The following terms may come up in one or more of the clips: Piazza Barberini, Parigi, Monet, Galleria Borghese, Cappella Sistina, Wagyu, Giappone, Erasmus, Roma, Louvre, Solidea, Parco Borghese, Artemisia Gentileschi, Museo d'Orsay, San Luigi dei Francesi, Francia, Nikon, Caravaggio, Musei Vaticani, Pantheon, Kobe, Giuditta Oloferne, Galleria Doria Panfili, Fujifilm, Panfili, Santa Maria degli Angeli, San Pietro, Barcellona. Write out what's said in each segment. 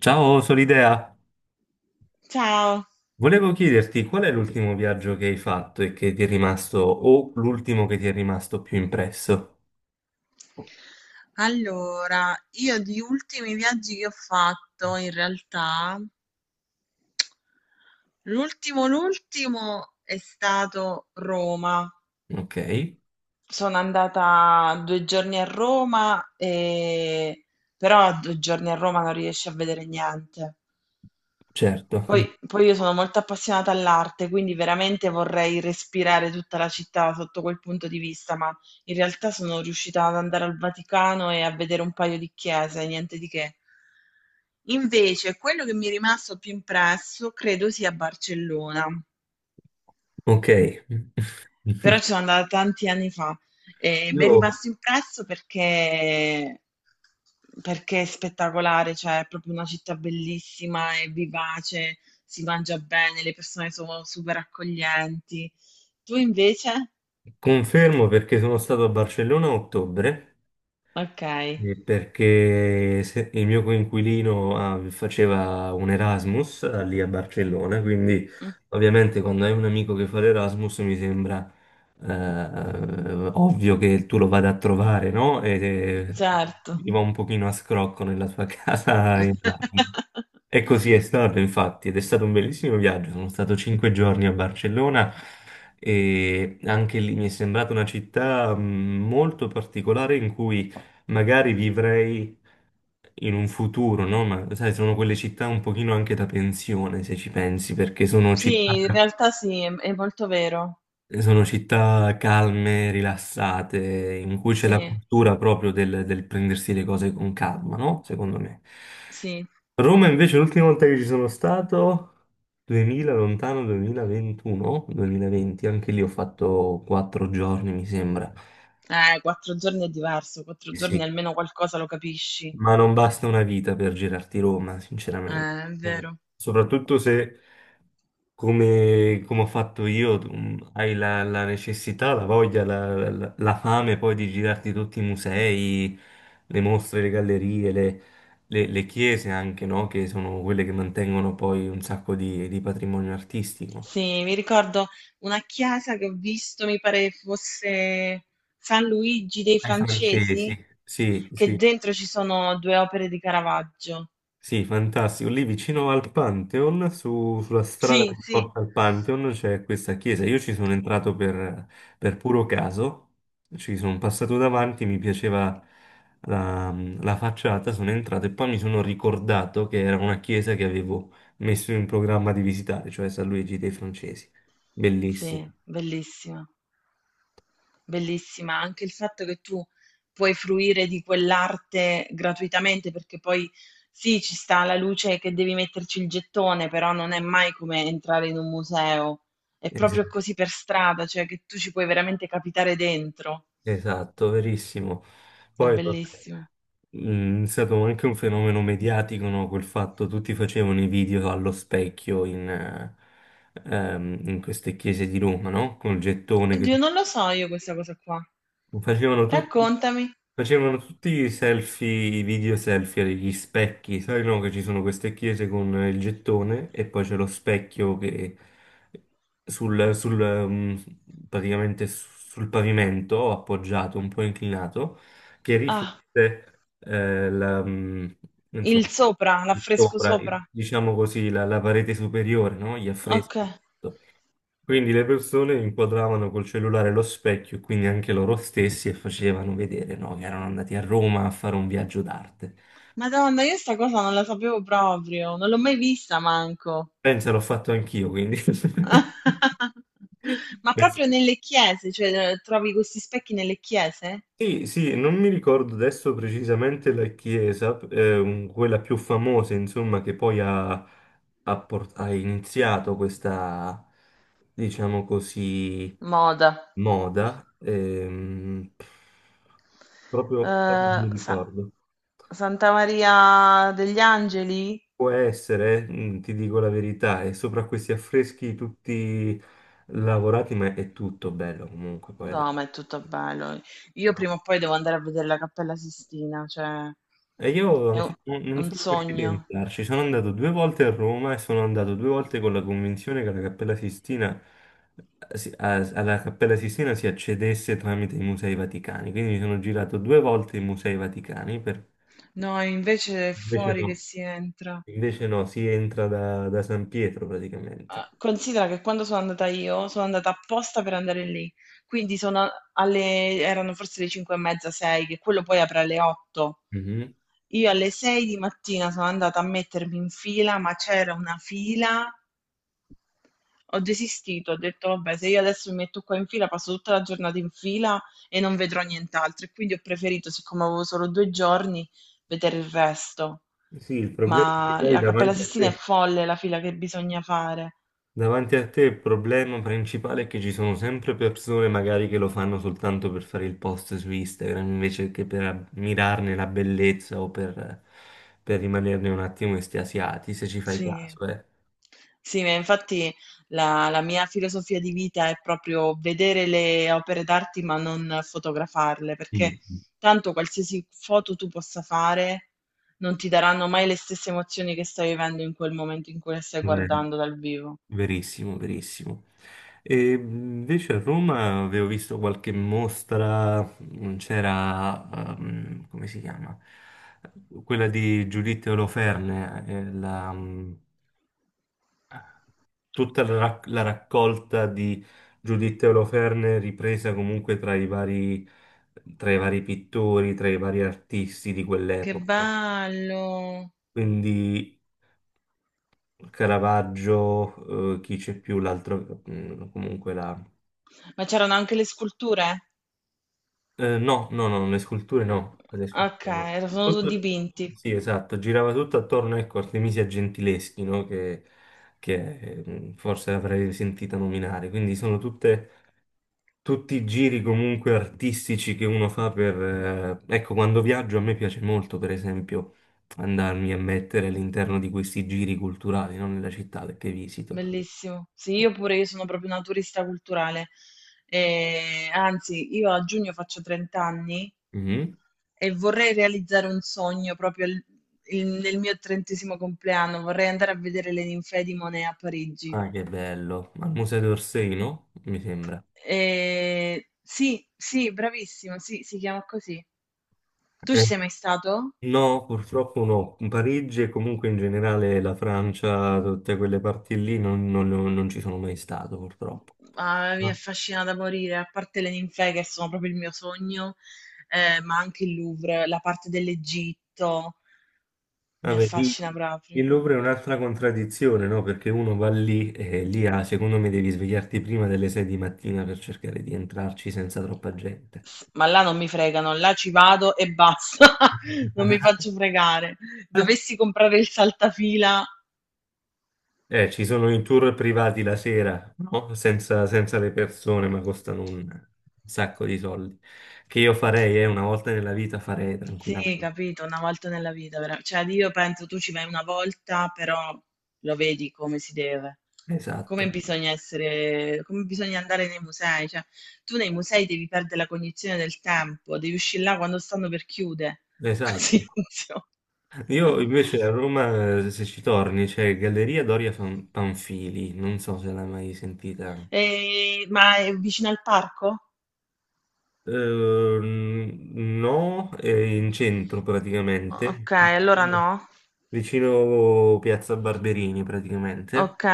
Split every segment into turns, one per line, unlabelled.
Ciao, Solidea.
Ciao.
Volevo chiederti qual è l'ultimo viaggio che hai fatto e che ti è rimasto, o l'ultimo che ti è rimasto più impresso?
Allora, io di ultimi viaggi che ho fatto, in realtà, l'ultimo è stato Roma.
Ok,
Sono andata 2 giorni a Roma, però a 2 giorni a Roma non riesci a vedere niente.
certo.
Poi io sono molto appassionata all'arte, quindi veramente vorrei respirare tutta la città sotto quel punto di vista, ma in realtà sono riuscita ad andare al Vaticano e a vedere un paio di chiese, niente di che. Invece, quello che mi è rimasto più impresso credo sia Barcellona.
Ok.
Però ci sono andata tanti anni fa e mi è
Io
rimasto impresso perché è spettacolare, cioè è proprio una città bellissima, è vivace, si mangia bene, le persone sono super accoglienti. Tu invece?
confermo perché sono stato a Barcellona a ottobre.
Ok.
Perché il mio coinquilino faceva un Erasmus lì a Barcellona, quindi
Mm.
ovviamente quando hai un amico che fa l'Erasmus mi sembra ovvio che tu lo vada a trovare, no? E
Certo.
gli va un pochino a scrocco nella tua casa in Erasmus. E così è stato, infatti, ed è stato un bellissimo viaggio. Sono stato 5 giorni a Barcellona e anche lì mi è sembrata una città molto particolare in cui magari vivrei in un futuro, no? Ma sai, sono quelle città un pochino anche da pensione, se ci pensi, perché
Sì, in realtà sì, è molto vero.
sono città calme, rilassate, in cui c'è la
Sì,
cultura proprio del prendersi le cose con calma, no? Secondo me.
sì.
Roma invece l'ultima volta che ci sono stato, 2000, lontano 2021, 2020, anche lì ho fatto 4 giorni, mi sembra.
4 giorni è diverso, 4 giorni
Sì,
almeno qualcosa lo capisci.
ma non basta una vita per girarti Roma, sinceramente.
È
Eh,
vero.
Soprattutto se, come ho fatto io, tu, hai la necessità, la voglia, la fame poi di girarti tutti i musei, le mostre, le gallerie, le chiese anche, no? Che sono quelle che mantengono poi un sacco di patrimonio artistico.
Sì, mi ricordo una chiesa che ho visto, mi pare fosse San Luigi dei
Ai
Francesi,
francesi, sì,
che
sì.
dentro ci sono due opere di Caravaggio.
Sì, fantastico. Lì vicino al Pantheon, sulla strada
Sì,
che
sì.
porta al Pantheon, c'è questa chiesa. Io ci sono entrato per puro caso, ci sono passato davanti, mi piaceva la, la facciata, sono entrato e poi mi sono ricordato che era una chiesa che avevo messo in programma di visitare, cioè San Luigi dei Francesi. Bellissimo.
Sì, bellissima. Bellissima, anche il fatto che tu puoi fruire di quell'arte gratuitamente, perché poi sì, ci sta la luce che devi metterci il gettone, però non è mai come entrare in un museo, è
Es-
proprio così per strada, cioè che tu ci puoi veramente capitare dentro.
Esatto, verissimo.
È
Poi vabbè.
bellissimo.
È stato anche un fenomeno mediatico, no? Quel fatto, tutti facevano i video allo specchio in queste chiese di Roma, no? Col gettone che.
Oddio, non lo so io questa cosa qua.
Facevano tutti,
Raccontami.
facevano tutti i selfie, i video selfie agli specchi, sai no? Che ci sono queste chiese con il gettone e poi c'è lo specchio che sul, sul, um, praticamente sul pavimento appoggiato, un po' inclinato, che
Ah,
riflette
il
insomma,
sopra, l'affresco
sopra,
sopra.
diciamo così, la parete superiore, no? Gli
Ok.
affreschi. Quindi le persone inquadravano col cellulare lo specchio, quindi anche loro stessi, e facevano vedere, no, che erano andati a Roma a fare un viaggio d'arte.
Madonna, io sta cosa non la sapevo proprio, non l'ho mai vista manco.
Pensa, l'ho fatto anch'io, quindi.
Ma proprio nelle chiese, cioè trovi questi specchi nelle chiese?
Sì, sì, non mi ricordo adesso precisamente la chiesa, quella più famosa, insomma, che poi ha iniziato questa, diciamo così,
Moda.
moda. Proprio non mi
Eh, Sa-
ricordo.
Santa Maria degli Angeli?
Può essere, ti dico la verità, e sopra questi affreschi tutti lavorati, ma è tutto bello comunque quella.
No, ma è tutto bello. Io prima o poi devo andare a vedere la Cappella Sistina, cioè
E io
è un
ancora non
un
sono riuscito a
sogno.
entrarci, sono andato due volte a Roma e sono andato due volte con la convinzione che la Cappella Sistina, alla Cappella Sistina si accedesse tramite i Musei Vaticani, quindi mi sono girato due volte i Musei Vaticani,
No, invece è
invece
fuori che
no,
si entra.
si entra da San Pietro praticamente.
Ah, considera che quando sono andata io, sono andata apposta per andare lì, quindi sono alle, erano forse le 5 e mezza, 6, che quello poi apre alle 8. Io alle 6 di mattina sono andata a mettermi in fila, ma c'era una fila, ho desistito, ho detto vabbè, se io adesso mi metto qua in fila, passo tutta la giornata in fila e non vedrò nient'altro, e quindi ho preferito, siccome avevo solo 2 giorni, vedere il resto.
Sì, il problema è che
Ma
poi
la Cappella
davanti a
Sistina è
te,
folle la fila che bisogna fare.
il problema principale è che ci sono sempre persone magari che lo fanno soltanto per fare il post su Instagram invece che per mirarne la bellezza o per rimanerne un attimo estasiati, se ci fai
Sì.
caso, eh.
Sì, ma infatti la mia filosofia di vita è proprio vedere le opere d'arte, ma non fotografarle, perché
Mm.
tanto qualsiasi foto tu possa fare non ti daranno mai le stesse emozioni che stai vivendo in quel momento in cui le stai
Vero.
guardando dal vivo.
Verissimo, verissimo. E invece a Roma avevo visto qualche mostra, c'era, come si chiama? Quella di Giuditta Oloferne, tutta la raccolta di Giuditta Oloferne ripresa comunque tra i vari, pittori, tra i vari artisti di
Che
quell'epoca.
bello!
Quindi Caravaggio, chi c'è più, l'altro, comunque.
Ma c'erano anche le sculture?
No, no, no, le sculture no, le
Ok,
sculture no.
sono
Tutto-
dipinti.
sì, esatto, girava tutto attorno, ecco, Artemisia Gentileschi, no? Che, Forse avrei sentita nominare, quindi sono tutti i giri comunque artistici che uno fa per. Ecco, quando viaggio a me piace molto, per esempio, andarmi a mettere all'interno di questi giri culturali, non nella città che visito.
Bellissimo. Sì, io pure, io sono proprio una turista culturale. Anzi, io a giugno faccio 30 anni
Mhm.
e vorrei realizzare un sogno proprio nel mio trentesimo compleanno. Vorrei andare a vedere le ninfee di Monet a Parigi.
Ah, che bello, al Museo d'Orsay, no? Mi sembra.
Sì, sì, bravissimo, sì, si chiama così. Tu ci
Eh,
sei mai stato?
No, purtroppo no. Parigi e comunque in generale la Francia, tutte quelle parti lì non ci sono mai stato, purtroppo.
Ah, mi
Ah,
affascina da morire, a parte le ninfee che sono proprio il mio sogno, ma anche il Louvre, la parte dell'Egitto. Mi
vabbè,
affascina
il
proprio.
Louvre è un'altra contraddizione, no? Perché uno va lì e lì, ah, secondo me, devi svegliarti prima delle 6 di mattina per cercare di entrarci senza troppa gente.
S ma là non mi fregano, là ci vado e basta, non mi faccio fregare. Dovessi comprare il saltafila
Ci sono i tour privati la sera, no? Senza le persone, ma costano un sacco di soldi. Che io farei, una volta nella vita farei
sì,
tranquillamente.
capito, una volta nella vita, vera cioè io penso tu ci vai una volta, però lo vedi come si deve. Come
Esatto,
bisogna essere, come bisogna andare nei musei, cioè tu nei musei devi perdere la cognizione del tempo, devi uscire là quando stanno per chiudere. Così
esatto.
funziona.
Io invece a Roma, se ci torni, c'è Galleria Doria Panfili, non so se l'hai mai sentita.
Ma è vicino al parco?
No, è in centro praticamente,
Ok, allora
vicino,
no.
Piazza Barberini praticamente.
Ok,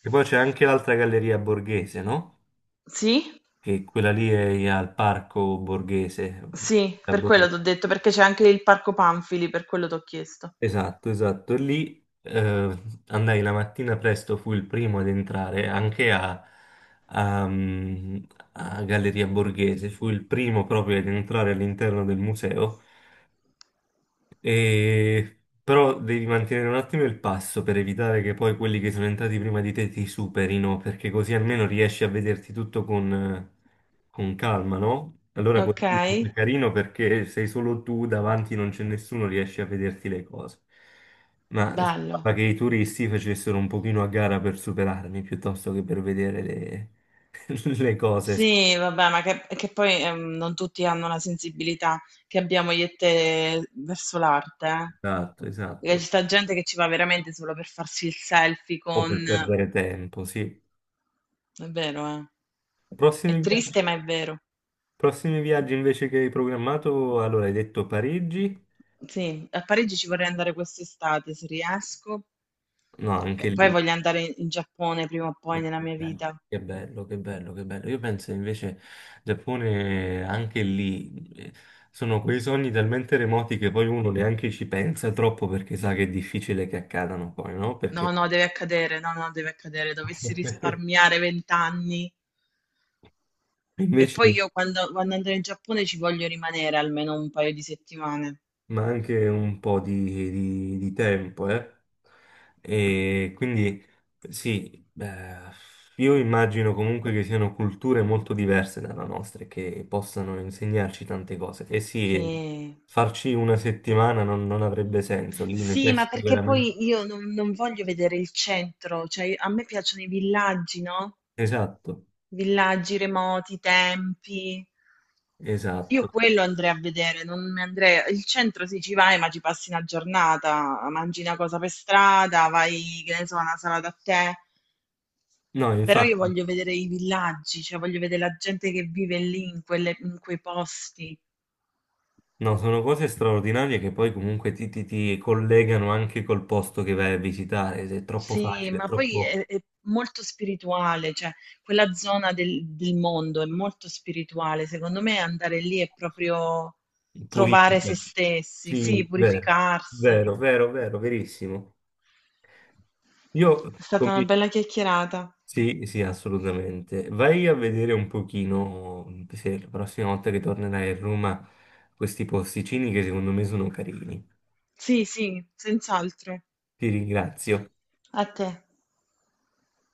E poi c'è anche l'altra Galleria Borghese, no?
sì,
Che quella lì è al Parco Borghese.
sì, per quello ti ho detto, perché c'è anche il parco Panfili, per quello ti ho chiesto.
Esatto, esatto. E lì, andai la mattina presto, fui il primo ad entrare anche a, mm, a Galleria Borghese, fui il primo proprio ad entrare all'interno del museo e- Però devi mantenere un attimo il passo per evitare che poi quelli che sono entrati prima di te ti superino, perché così almeno riesci a vederti tutto con calma, no? Allora
Ok,
così è carino perché sei solo tu, davanti non c'è nessuno, riesci a vederti le cose. Ma
bello.
sembrava che i turisti facessero un pochino a gara per superarmi piuttosto che per vedere le, le cose.
Sì, vabbè, ma che poi non tutti hanno la sensibilità che abbiamo io e te verso l'arte, eh.
Esatto,
Perché ci
esatto.
sta gente che ci va veramente solo per farsi il selfie
O
con.
per perdere tempo, sì.
È vero, eh. È
Prossimi viaggi?
triste, ma è vero.
Prossimi viaggi invece che hai programmato, allora hai detto Parigi?
Sì, a Parigi ci vorrei andare quest'estate se riesco
No, anche
e poi
lì.
voglio andare in Giappone prima o poi
Ah,
nella
che
mia
bello,
vita.
che bello, che bello, che bello. Io penso invece Giappone anche lì sono quei sogni talmente remoti che poi uno neanche ci pensa troppo perché sa che è difficile che accadano poi, no?
No,
Perché
no, deve accadere, no, no, deve accadere. Dovessi risparmiare 20 anni e
invece
poi io quando, andrò in Giappone ci voglio rimanere almeno un paio di settimane.
ma anche un po' di tempo, eh. E quindi sì, beh, io immagino comunque che siano culture molto diverse dalla nostra e che possano insegnarci tante cose. E sì,
Sì.
farci una settimana non avrebbe senso, lì
Sì, ma
necessiti
perché
veramente.
poi io non voglio vedere il centro, cioè a me piacciono i villaggi, no?
Esatto,
Villaggi remoti, tempi. Io
esatto.
quello andrei a vedere, non mi andrei. Il centro sì, ci vai, ma ci passi una giornata, mangi una cosa per strada, vai, che ne so, a una sala da tè.
No,
Però io
infatti,
voglio vedere i villaggi, cioè voglio vedere la gente che vive lì, in quei posti.
no, sono cose straordinarie che poi comunque ti collegano anche col posto che vai a visitare, se è troppo
Sì,
facile, è
ma poi
troppo
è molto spirituale, cioè quella zona del mondo è molto spirituale. Secondo me andare lì è proprio trovare
purifica.
se stessi, sì,
Sì, vero,
purificarsi.
vero, vero, vero, verissimo. Io,
È stata una bella chiacchierata.
sì, sì, assolutamente. Vai a vedere un pochino, se la prossima volta che tornerai a Roma, questi posticini che secondo me sono carini.
Sì, sì, senz'altro.
Ti ringrazio.
A te.